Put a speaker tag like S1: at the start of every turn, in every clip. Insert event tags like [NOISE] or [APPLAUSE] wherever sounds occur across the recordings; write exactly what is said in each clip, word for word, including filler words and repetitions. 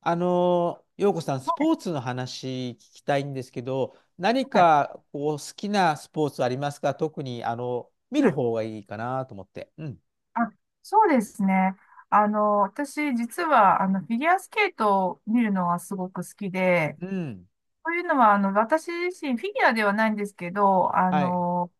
S1: あの、陽子さん、ス
S2: はい。
S1: ポーツの話聞きたいんですけど、何
S2: はい。
S1: かこう好きなスポーツありますか？特にあの見
S2: は
S1: る
S2: い。
S1: 方がいいかなと思って。うん。
S2: あ、そうですね。あの、私、実は、あの、フィギュアスケートを見るのがすごく好きで、
S1: うん。
S2: というのは、あの、私自身、フィギュアではないんですけど、あ
S1: はい。
S2: の、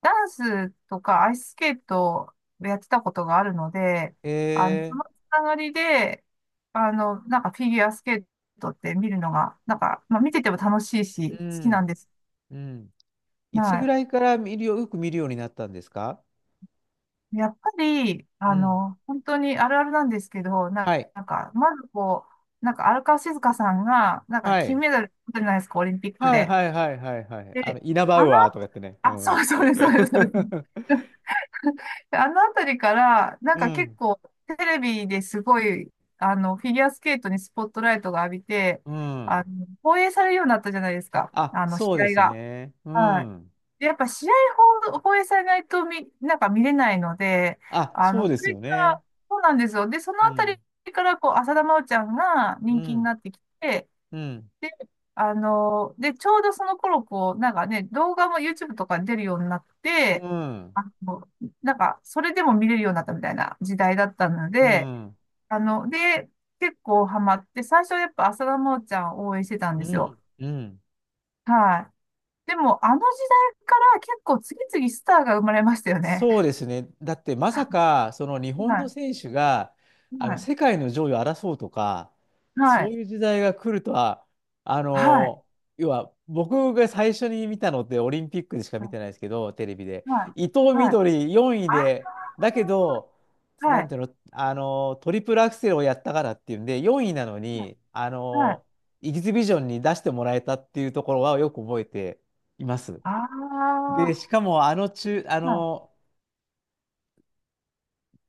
S2: ダンスとかアイススケートをやってたことがあるので、あの、その
S1: え
S2: つながりで、あの、なんかフィギュアスケートって見るのが、なんか、まあ、見てても楽しい
S1: ー、
S2: し、
S1: う
S2: 好きなん
S1: ん。
S2: です。
S1: うん。いつ
S2: は
S1: ぐ
S2: い。
S1: らいから見るよ、よく見るようになったんですか？
S2: やっぱり、
S1: う
S2: あ
S1: ん。
S2: の、本当にあるあるなんですけど、な、
S1: はい。
S2: なんか、まずこう、なんか荒川静香さんが、なんか
S1: は
S2: 金
S1: い。
S2: メダル取ってるじゃないですか、オリンピック
S1: はい。
S2: で。
S1: はいはいはいはい。あの、
S2: で、
S1: イナバ
S2: あ
S1: ウ
S2: の、
S1: アーとかやってね。う
S2: あ、
S1: ん。
S2: そうそうです、そうです、そうです。
S1: [LAUGHS]
S2: [LAUGHS] あのあたりから、なん
S1: う
S2: か結
S1: ん。
S2: 構テレビですごい、あの、フィギュアスケートにスポットライトが浴びて、
S1: うん。
S2: あの、放映されるようになったじゃないですか、
S1: あ、
S2: あの、試
S1: そうで
S2: 合
S1: す
S2: が。
S1: ね。う
S2: はい。
S1: ん。
S2: でやっぱ試合放放映されないと見、なんか見れないので、
S1: あ、
S2: あ
S1: そ
S2: の、
S1: う
S2: こ
S1: です
S2: れ
S1: よ
S2: か
S1: ね。
S2: ら、そうなんですよ。で、その
S1: う
S2: あた
S1: ん。
S2: りから、こう、浅田真央ちゃんが
S1: う
S2: 人気に
S1: ん、
S2: なってきて、
S1: うん、
S2: で、あの、で、ちょうどその頃、こう、なんかね、動画も YouTube とかに出るようになっ
S1: う
S2: て、
S1: ん、
S2: あの、なんか、それでも見れるようになったみたいな時代だったの
S1: う
S2: で、
S1: ん、
S2: あの、で、結構ハマって、最初はやっぱ浅田真央ちゃんを応援してたん
S1: う
S2: ですよ。
S1: ん、うん。
S2: はい。でも、あの時代から結構次々スターが生まれましたよね。
S1: そうですね。だってまさか、その日本
S2: は
S1: の
S2: い。
S1: 選手が、
S2: は
S1: あの、
S2: い。
S1: 世界の上位を争うとか、
S2: は
S1: そう
S2: い。
S1: いう時代が来るとは、あ
S2: はい。
S1: の、要は、僕が最初に見たのってオリンピックでしか見てないですけど、テレビで。
S2: は
S1: 伊藤みど
S2: い。
S1: りよんいで、だけど、なんていうの、あの、トリプルアクセルをやったからっていうんで、よんいなのに、あ
S2: はい。
S1: の、エキシビジョンに出してもらえたっていうところはよく覚えています。
S2: あ
S1: で、
S2: あ、
S1: しかもあの中、あ
S2: はい。
S1: の、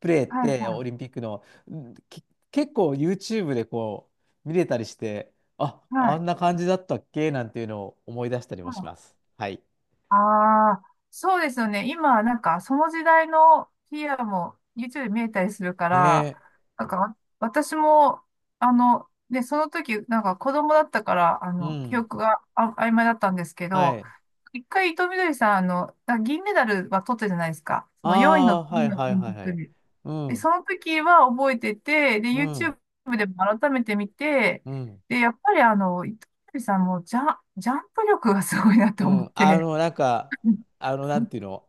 S1: プレーっ
S2: はい。ああ、
S1: て
S2: はい。はい。
S1: オ
S2: は
S1: リンピックの、うんき結構 ユーチューブ でこう見れたりして、あ、あ
S2: い。
S1: んな感じだったっけなんていうのを思い出したり
S2: は
S1: もしま
S2: い。
S1: す。はい。
S2: ああ、そうですよね。今、なんか、その時代のフィギュアも YouTube で見えたりするから、
S1: ね
S2: なんか、私も、あの、ね、その時、なんか子供だったから、あ
S1: え。う
S2: の、記
S1: ん。
S2: 憶があ曖昧だったんですけ
S1: は
S2: ど、
S1: い。
S2: いっかい、いとうみどりさん、あの、あ銀メダルは取ったじゃないですか。そ
S1: あ
S2: のよんいの
S1: あ、は
S2: 次
S1: い
S2: のオ
S1: はい
S2: リン
S1: は
S2: ピ
S1: い
S2: ッ
S1: は
S2: ク
S1: い。
S2: で。
S1: う
S2: で、
S1: ん。
S2: その時は覚えてて、で、
S1: うん。
S2: YouTube でも改めて見て、
S1: うん。
S2: で、やっぱりあの、伊藤みどりさんもジャ、ジャンプ力がすごいな
S1: う
S2: と思っ
S1: ん。あ
S2: て、
S1: の、なんか、
S2: [LAUGHS]
S1: あの、なんていうの？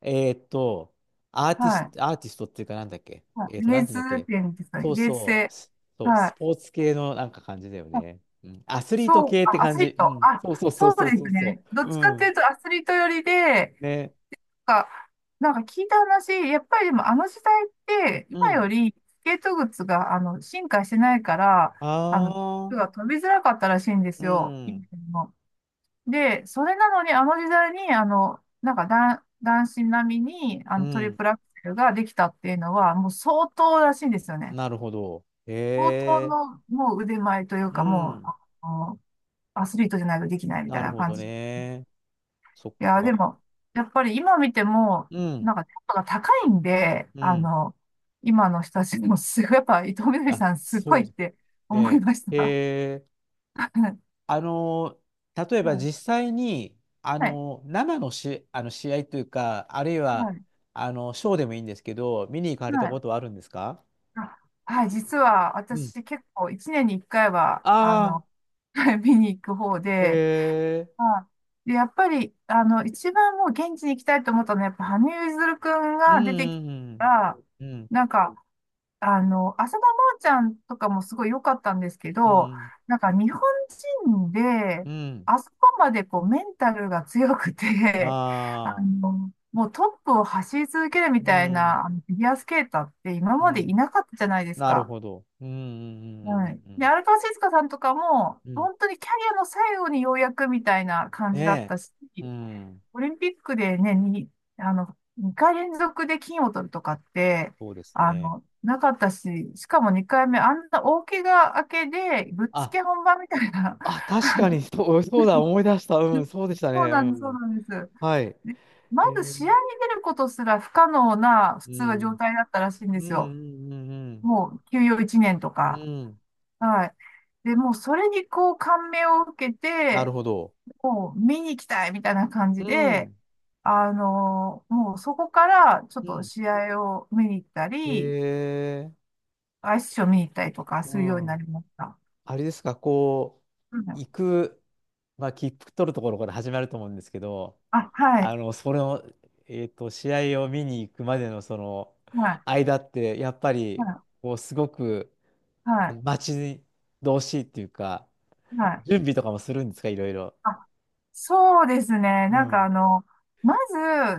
S1: えーっと、アーティス
S2: はい。
S1: ト、アーティストっていうかなんだっけ？
S2: は
S1: えー
S2: い。
S1: っと、
S2: レ
S1: なん
S2: ー
S1: ていうんだっ
S2: ス
S1: け？
S2: 点ですかね。
S1: そう
S2: レーズ
S1: そう、
S2: 性。
S1: スそう、
S2: は
S1: ス
S2: い。
S1: ポーツ系のなんか感じだよ
S2: まあ
S1: ね。うん。アスリート
S2: そう、
S1: 系って
S2: あ、アス
S1: 感じ。
S2: リー
S1: う
S2: ト。
S1: ん。
S2: あ、
S1: そうそうそ
S2: そ
S1: う
S2: う
S1: そう
S2: です
S1: そう
S2: ね。
S1: そ
S2: どっ
S1: う。う
S2: ちかってい
S1: ん。
S2: うとアスリート寄りで、
S1: ね。
S2: か、なんか聞いた話、やっぱりでもあの時代って
S1: う
S2: 今よ
S1: ん。
S2: りスケート靴があの進化してないから、
S1: あ
S2: あの、靴
S1: あ、
S2: が飛びづらかったらしいんで
S1: う
S2: すよ。以
S1: ん。
S2: ので、それなのにあの時代に、あの、なんか男、男子並みにあ
S1: う
S2: のトリ
S1: ん。
S2: プルアクセルができたっていうのはもう相当らしいんですよね。
S1: なるほど。
S2: 相当
S1: へえ。
S2: のもう腕前という
S1: う
S2: かもう、
S1: ん。
S2: あの、アスリートじゃないとできないみた
S1: な
S2: い
S1: る
S2: な
S1: ほ
S2: 感
S1: ど
S2: じ。
S1: ね。そっ
S2: いや、で
S1: か。
S2: も、やっぱり今見ても、
S1: うん。
S2: なんか、ちょっとが高いんで、
S1: う
S2: あ
S1: ん。
S2: の、今の人たちもすごい、やっぱ伊藤みどり
S1: あ、
S2: さんすご
S1: そ
S2: い
S1: う
S2: って思い
S1: ね。
S2: まし
S1: へ
S2: た。[LAUGHS]
S1: え。
S2: は
S1: あのー、例えば
S2: い。
S1: 実際に、あ
S2: はい。
S1: のー、生のし、あの試合というか、あるい
S2: は
S1: は、
S2: い。
S1: あの、ショーでもいいんですけど、見に行かれ
S2: は
S1: た
S2: い。
S1: ことはあるんですか？
S2: あ、はい。実は
S1: うん。
S2: 私結構いちねんにいっかいは、あ
S1: ああ、
S2: の、[LAUGHS] はい見に行く方で、
S1: え
S2: はい。で、やっぱり、あの、一番もう現地に行きたいと思ったのは、やっぱ羽生結弦くん
S1: ー、う
S2: が出てき
S1: ん、
S2: たら、
S1: うん、うん、
S2: なんか、あの、浅田真央ちゃんとかもすごい良かったんですけ
S1: う
S2: ど、
S1: ん、
S2: なんか日本人で、
S1: うん。
S2: あそこまでこうメンタルが強くて、[LAUGHS] あ
S1: ああ、
S2: の、もうトップを走り続ける
S1: う
S2: みたい
S1: ん、
S2: なあのフィギュアスケーターって今
S1: う
S2: まで
S1: ん、
S2: いなかったじゃないです
S1: なる
S2: か。
S1: ほど。うん、うん、うん、
S2: はい。
S1: うん、う
S2: で、荒川静香さんとかも、
S1: ん。う
S2: 本
S1: ん。
S2: 当にキャリアの最後にようやくみたいな感じだっ
S1: ね
S2: たし、
S1: え、うん、
S2: オリンピックでね、に、あの、にかい連続で金を取るとかって、
S1: そうです
S2: あ
S1: ね。
S2: の、なかったし、しかもにかいめ、あんな大怪我明けで、ぶっつ
S1: あ、
S2: け本番みたいな。
S1: あ、確かに、そう、そうだ、思い出した。うん、
S2: [LAUGHS]
S1: そうでした
S2: そう
S1: ね。う
S2: なんです、そう
S1: ん。
S2: なんです。
S1: はい。
S2: でま
S1: え
S2: ず試合に
S1: ー
S2: 出ることすら不可能な、普
S1: う
S2: 通は状
S1: ん。
S2: 態だったらしいんで
S1: うん
S2: すよ。
S1: うんうん
S2: もう休養いちねんと
S1: うん。
S2: か。
S1: うん。
S2: はい。で、もうそれにこう感銘を受け
S1: なる
S2: て、
S1: ほど。
S2: もう見に行きたいみたいな感
S1: う
S2: じで、
S1: ん。
S2: あの、もうそこからちょっ
S1: う
S2: と
S1: ん。
S2: 試合を見に行った
S1: へ
S2: り、
S1: え。
S2: アイスショー見に行ったりとかす
S1: う
S2: るようにな
S1: ん。
S2: りました。
S1: あれですか、こ
S2: う
S1: う、
S2: ん。
S1: 行く、まあ、切符取るところから始まると思うんですけど、
S2: あ、は
S1: あ
S2: い、
S1: の、それを、えっと、試合を見に行くまでのその
S2: はい、
S1: 間って、やっぱ
S2: は
S1: り、
S2: い、
S1: こう、すごく、
S2: はい、
S1: 待ち遠しいっていうか、
S2: はい。
S1: 準備とかもするんですか、いろいろ。
S2: あ、そうですね。
S1: う
S2: なんか
S1: ん。
S2: あの、ま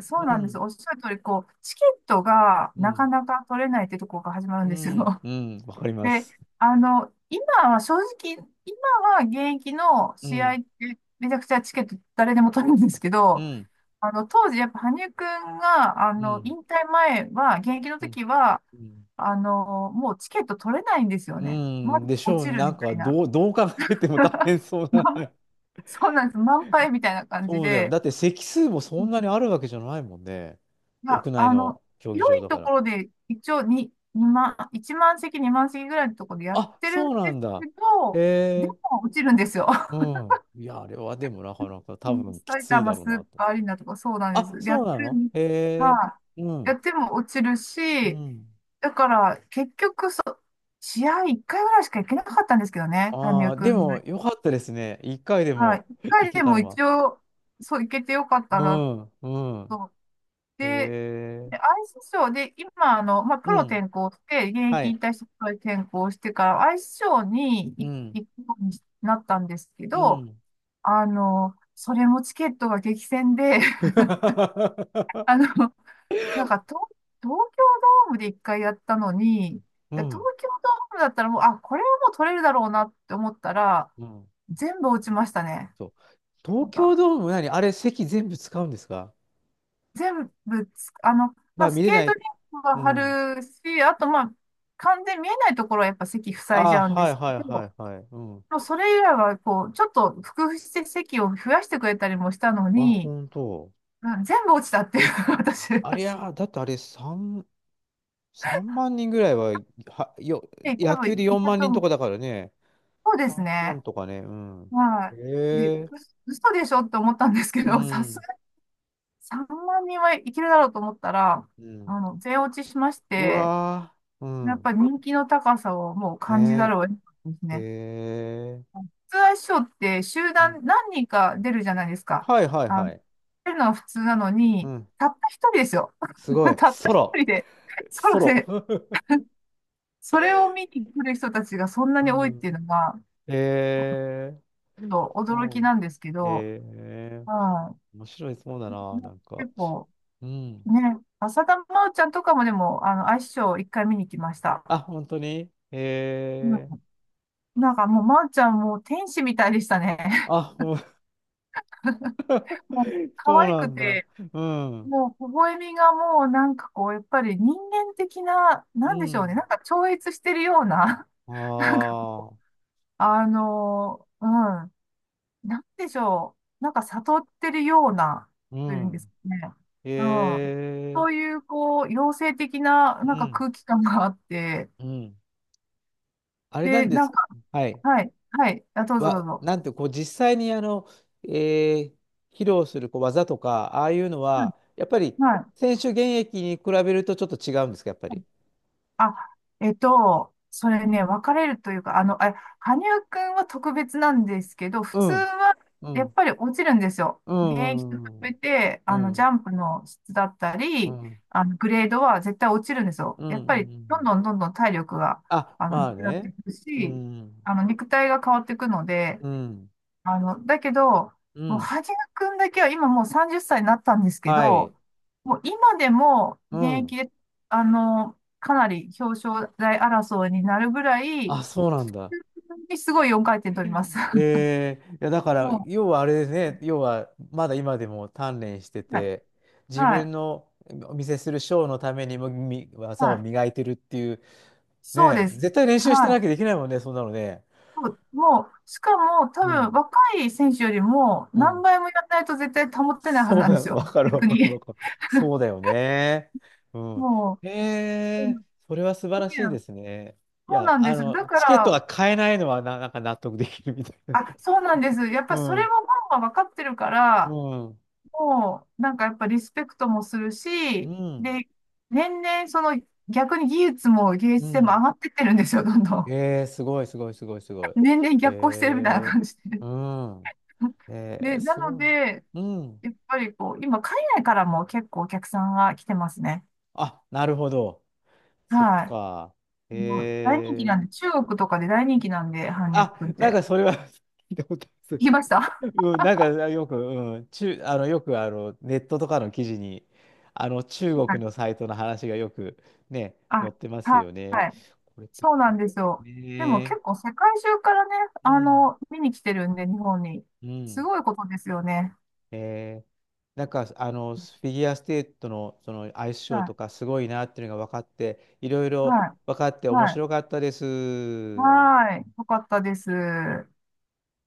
S2: ず、
S1: う
S2: そうなんです。
S1: ん。
S2: おっしゃる通り、こう、チケットが
S1: う
S2: な
S1: ん。
S2: かなか取れないってとこが始まるん
S1: う
S2: ですよ。
S1: ん。うん。わかりま
S2: で、
S1: す。
S2: あの、今は正直、今は現役の
S1: う
S2: 試合
S1: ん。
S2: ってめちゃくちゃチケット誰でも取れるんですけ
S1: う
S2: ど、
S1: ん、
S2: あの、当時やっぱ羽生くんが、あ
S1: う
S2: の、
S1: ん、
S2: 引退前は、現役の
S1: うん、
S2: 時は、
S1: うん、
S2: あの、もうチケット取れないんですよ
S1: う
S2: ね。ま
S1: ん
S2: ず
S1: でし
S2: 落
S1: ょう。
S2: ちる
S1: なん
S2: み
S1: か、
S2: たいな。
S1: どう、どう考えても大
S2: [LAUGHS]
S1: 変そうな。
S2: ま
S1: [LAUGHS]
S2: そうなんです。満杯みたいな感じ
S1: そうだよ。
S2: で、
S1: だって席数もそんなにあるわけじゃないもんね。
S2: ま
S1: 屋内
S2: あの、
S1: の競技
S2: 広
S1: 場
S2: い
S1: だ
S2: と
S1: か
S2: こ
S1: ら。
S2: ろで一応ににまん、いちまん席、にまん席ぐらいのところでやっ
S1: あ、
S2: てるん
S1: そうな
S2: です
S1: んだ。
S2: け
S1: へ
S2: ど、で
S1: え、
S2: も落ちるんですよ。
S1: うん。いや、あれはでもなかなか多
S2: うん。
S1: 分き
S2: 埼
S1: ついだ
S2: 玉
S1: ろう
S2: ス
S1: な
S2: ー
S1: と。
S2: パーアリーナとかそうなんで
S1: あ、
S2: す。や
S1: そ
S2: っ
S1: うな
S2: てる
S1: の。
S2: ん、
S1: へえ、
S2: は
S1: う
S2: い。や
S1: ん、
S2: っても落ちる
S1: う
S2: し、
S1: ん。
S2: だから結局そう、試合いっかいぐらいしか行けなかったんですけどね、羽
S1: あ
S2: 生
S1: あ、
S2: く
S1: で
S2: ん。
S1: もよかったですね。一回で
S2: はい。
S1: も
S2: 1
S1: [LAUGHS] 行
S2: 回
S1: け
S2: で
S1: た
S2: も
S1: のは。
S2: 一応、そう、行けてよかっ
S1: う
S2: たな
S1: ん、うん。
S2: と。
S1: へ
S2: で、
S1: え、
S2: でアイスショーで、今、あの、まあ、プ
S1: う
S2: ロ
S1: ん。
S2: 転向して、現
S1: は
S2: 役引
S1: い。
S2: 退してプロに転向してから、アイスショーに
S1: う
S2: 行
S1: ん、
S2: 行くようになったんですけ
S1: う
S2: ど、
S1: ん、
S2: あの、それもチケットが激戦で、[LAUGHS] あの、
S1: [LAUGHS]
S2: なんか東、東京ドームで一回やったのに、
S1: う
S2: 東
S1: ん、
S2: 京ドームだったらもう、あ、これはもう取れるだろうなって思ったら、
S1: うん。
S2: 全部落ちましたね。
S1: そう。
S2: な
S1: 東
S2: ん
S1: 京
S2: か、
S1: ドーム何あれ、席全部使うんですか？
S2: 全部つ、あの、
S1: ま
S2: ま
S1: あ、
S2: あ、ス
S1: 見れ
S2: ケー
S1: ない。
S2: トリンクは
S1: うん。
S2: 張るし、あと、まあ、完全に見えないところはやっぱ席塞い
S1: あ
S2: じ
S1: あ、
S2: ゃうんで
S1: はい
S2: す
S1: はい
S2: けど、
S1: はいはい。うん。
S2: もうそれ以外は、こう、ちょっと工夫して席を増やしてくれたりもしたの
S1: あ、
S2: に、
S1: 本当。
S2: うん。全部落ちたっていう、[LAUGHS] 私。
S1: あれや、だってあれさん、さんまん人ぐらいは、は、よ、
S2: え、多
S1: 野球で
S2: 分、い
S1: 4
S2: た
S1: 万
S2: と
S1: 人と
S2: 思う。
S1: かだからね。
S2: そうです
S1: 3
S2: ね。
S1: 万とかね。うん。へ
S2: はい。で、う
S1: え
S2: 嘘でしょって思ったんですけ
S1: う
S2: ど、[LAUGHS] さす
S1: ん。
S2: がにさんまん人はいけるだろうと思ったら、
S1: うん。
S2: あの、全落ちしまし
S1: う
S2: て、
S1: わー。う
S2: やっぱ
S1: ん。
S2: 人気の高さをもう感じざ
S1: ね
S2: るを得なかったです
S1: え。へ
S2: ね。
S1: え。
S2: 普通は師匠って集
S1: うん。
S2: 団何人か出るじゃないですか。
S1: はいはい
S2: あ
S1: は
S2: の、
S1: い。
S2: 出るのは普通なの
S1: う
S2: に、
S1: ん。
S2: たった一人ですよ。
S1: すごい。
S2: [LAUGHS] たった
S1: ソロ。
S2: 一人で、
S1: [LAUGHS]
S2: ソ
S1: ソ
S2: ロ
S1: ロ。
S2: で、
S1: [LAUGHS]
S2: それを見に来る人たちがそんな
S1: う
S2: に多いっていう
S1: ん。
S2: のが、
S1: えー。
S2: ちょっと
S1: う
S2: 驚き
S1: ん。
S2: なんですけど、
S1: えー。
S2: は
S1: 面白いそうだ
S2: い。
S1: な、なんか。
S2: 結構、
S1: うん。
S2: ね、浅田真央ちゃんとかもでも、あの、アイスショーいっかいみにきました。
S1: あ、本当に
S2: う
S1: え
S2: ん。
S1: ー。
S2: なんかもう真央ちゃんもう天使みたいでしたね。
S1: あ、ほん
S2: [LAUGHS] もう
S1: [LAUGHS]
S2: 可
S1: そう
S2: 愛
S1: な
S2: く
S1: んだ。
S2: て、
S1: うん。
S2: もう微笑みがもうなんかこう、やっぱり人間的な、
S1: う
S2: なんでしょうね、
S1: ん。
S2: なんか超越してるような、[LAUGHS] なんか、
S1: ああ。
S2: あのーうん、なんでしょう、なんか悟ってるような、
S1: う
S2: というんですか
S1: ん。
S2: ね。うん。
S1: え
S2: そう
S1: ー。
S2: いう、こう、妖精的な、なん
S1: う
S2: か
S1: ん。
S2: 空気感があって、
S1: うん。あれな
S2: で、
S1: んで
S2: なん
S1: す。
S2: か、
S1: はい。
S2: はい、はい。あ、どうぞどう
S1: わ、
S2: ぞ。
S1: なんて、こう、実際に、あの、えー披露するこう技とか、ああいうの
S2: うん。
S1: は、やっぱり、
S2: はい。
S1: 選手現役に比べるとちょっと違うんですか、やっぱり。
S2: あ、えっと、それね、分かれるというか、あの、あ、羽生くんは特別なんですけど、普
S1: う
S2: 通
S1: ん、
S2: は
S1: う
S2: やっ
S1: ん、
S2: ぱり落ちるんですよ。
S1: う
S2: 現役と比
S1: ん、う
S2: べ
S1: ん、
S2: て、
S1: う
S2: あの、ジ
S1: ん、
S2: ャンプの質だった
S1: う
S2: り、
S1: ん、
S2: あの、グレードは絶対落ちるんですよ。
S1: うん。
S2: やっぱ
S1: う
S2: り、どん
S1: ん。
S2: どんどんどん体力が、
S1: あ、
S2: あの、な
S1: まあ
S2: くなって
S1: ね。
S2: くる
S1: う
S2: し、
S1: ん、
S2: あの、肉体が変わっていくので、
S1: うん、
S2: あの、だけど、
S1: う
S2: もう、
S1: ん。
S2: はじめくんだけは今もうさんじゅっさいになったんですけ
S1: はい。
S2: ど、もう今でも
S1: う
S2: 現
S1: ん。
S2: 役で、あの、かなり表彰台争いになるぐらい、
S1: あ、そうなんだ。
S2: すごいよんかい転取ります。[LAUGHS]
S1: えー、いやだから、
S2: も
S1: 要はあれですね、要はまだ今でも鍛錬して
S2: う、はい、
S1: て、自
S2: は
S1: 分
S2: い、
S1: のお見せするショーのためにもみ技
S2: は
S1: を
S2: い。
S1: 磨いてるっていう、
S2: そうで
S1: ね、
S2: す。
S1: 絶対練習してな
S2: は
S1: きゃできないもんね、そんなのね。
S2: い。もう、もうしかも多
S1: う
S2: 分
S1: ん、
S2: 若い選手よりも
S1: う
S2: 何
S1: ん。
S2: 倍もやらないと絶対保ってないはず
S1: そう
S2: な
S1: だ
S2: んです
S1: よ、[LAUGHS] わ
S2: よ。
S1: かるわ
S2: 逆
S1: かる
S2: に。
S1: わかる。そうだよね。うん。
S2: もう、う
S1: えー、
S2: ん。
S1: それは素晴らしいですね。い
S2: そう
S1: や、
S2: なん
S1: あ
S2: です。だ
S1: の、
S2: か
S1: チケットが
S2: ら、
S1: 買えないのはな、なんか納得できるみたいな。
S2: あ、そうなんです。
S1: [LAUGHS]
S2: やっ
S1: う
S2: ぱりそれ
S1: ん、
S2: もファンは分かってるか
S1: う
S2: ら、
S1: ん、
S2: もう、なんかやっぱリスペクトもする
S1: う
S2: し、
S1: ん、
S2: で、年々その逆に技術も芸
S1: う
S2: 術性も
S1: ん。
S2: 上がってってるんですよ、どんどん。
S1: えー、すごい、すごい、すごい、すごい。
S2: 年々逆行してるみたいな
S1: え
S2: 感じで。
S1: ー、うん。え
S2: で、
S1: ー、
S2: な
S1: す
S2: の
S1: ごい。
S2: で、
S1: うん。
S2: やっぱりこう、今海外からも結構お客さんが来てますね。
S1: あ、なるほど。そっ
S2: は
S1: か。
S2: い。もう大人気
S1: えー、
S2: なんで、中国とかで大人気なんで、韓流
S1: あ、
S2: くんっ
S1: なん
S2: て。
S1: かそれは [LAUGHS] 聞いたことあ
S2: 聞
S1: る。
S2: きました。 [LAUGHS]
S1: [LAUGHS] うん、なんかよく、うん、中、あの、よくあの、ネットとかの記事に、あの、中
S2: は
S1: 国
S2: い。
S1: のサイトの話がよくね、
S2: あ、
S1: 載ってます
S2: はい。
S1: よね。
S2: はい。
S1: これってこ
S2: そうなんです
S1: と。
S2: よ。でも
S1: ね
S2: 結構世界中からね、
S1: え。う
S2: あ
S1: ん。
S2: の、見に来てるんで、日本に。
S1: う
S2: す
S1: ん。
S2: ごいことですよね。
S1: えーなんかあのフィギュアスケートの、そのアイスショーと
S2: は
S1: かすごいなっていうのが分かっていろい
S2: い。
S1: ろ
S2: は
S1: 分
S2: い。
S1: かって面
S2: はい。
S1: 白かったです。
S2: はい。よかったです。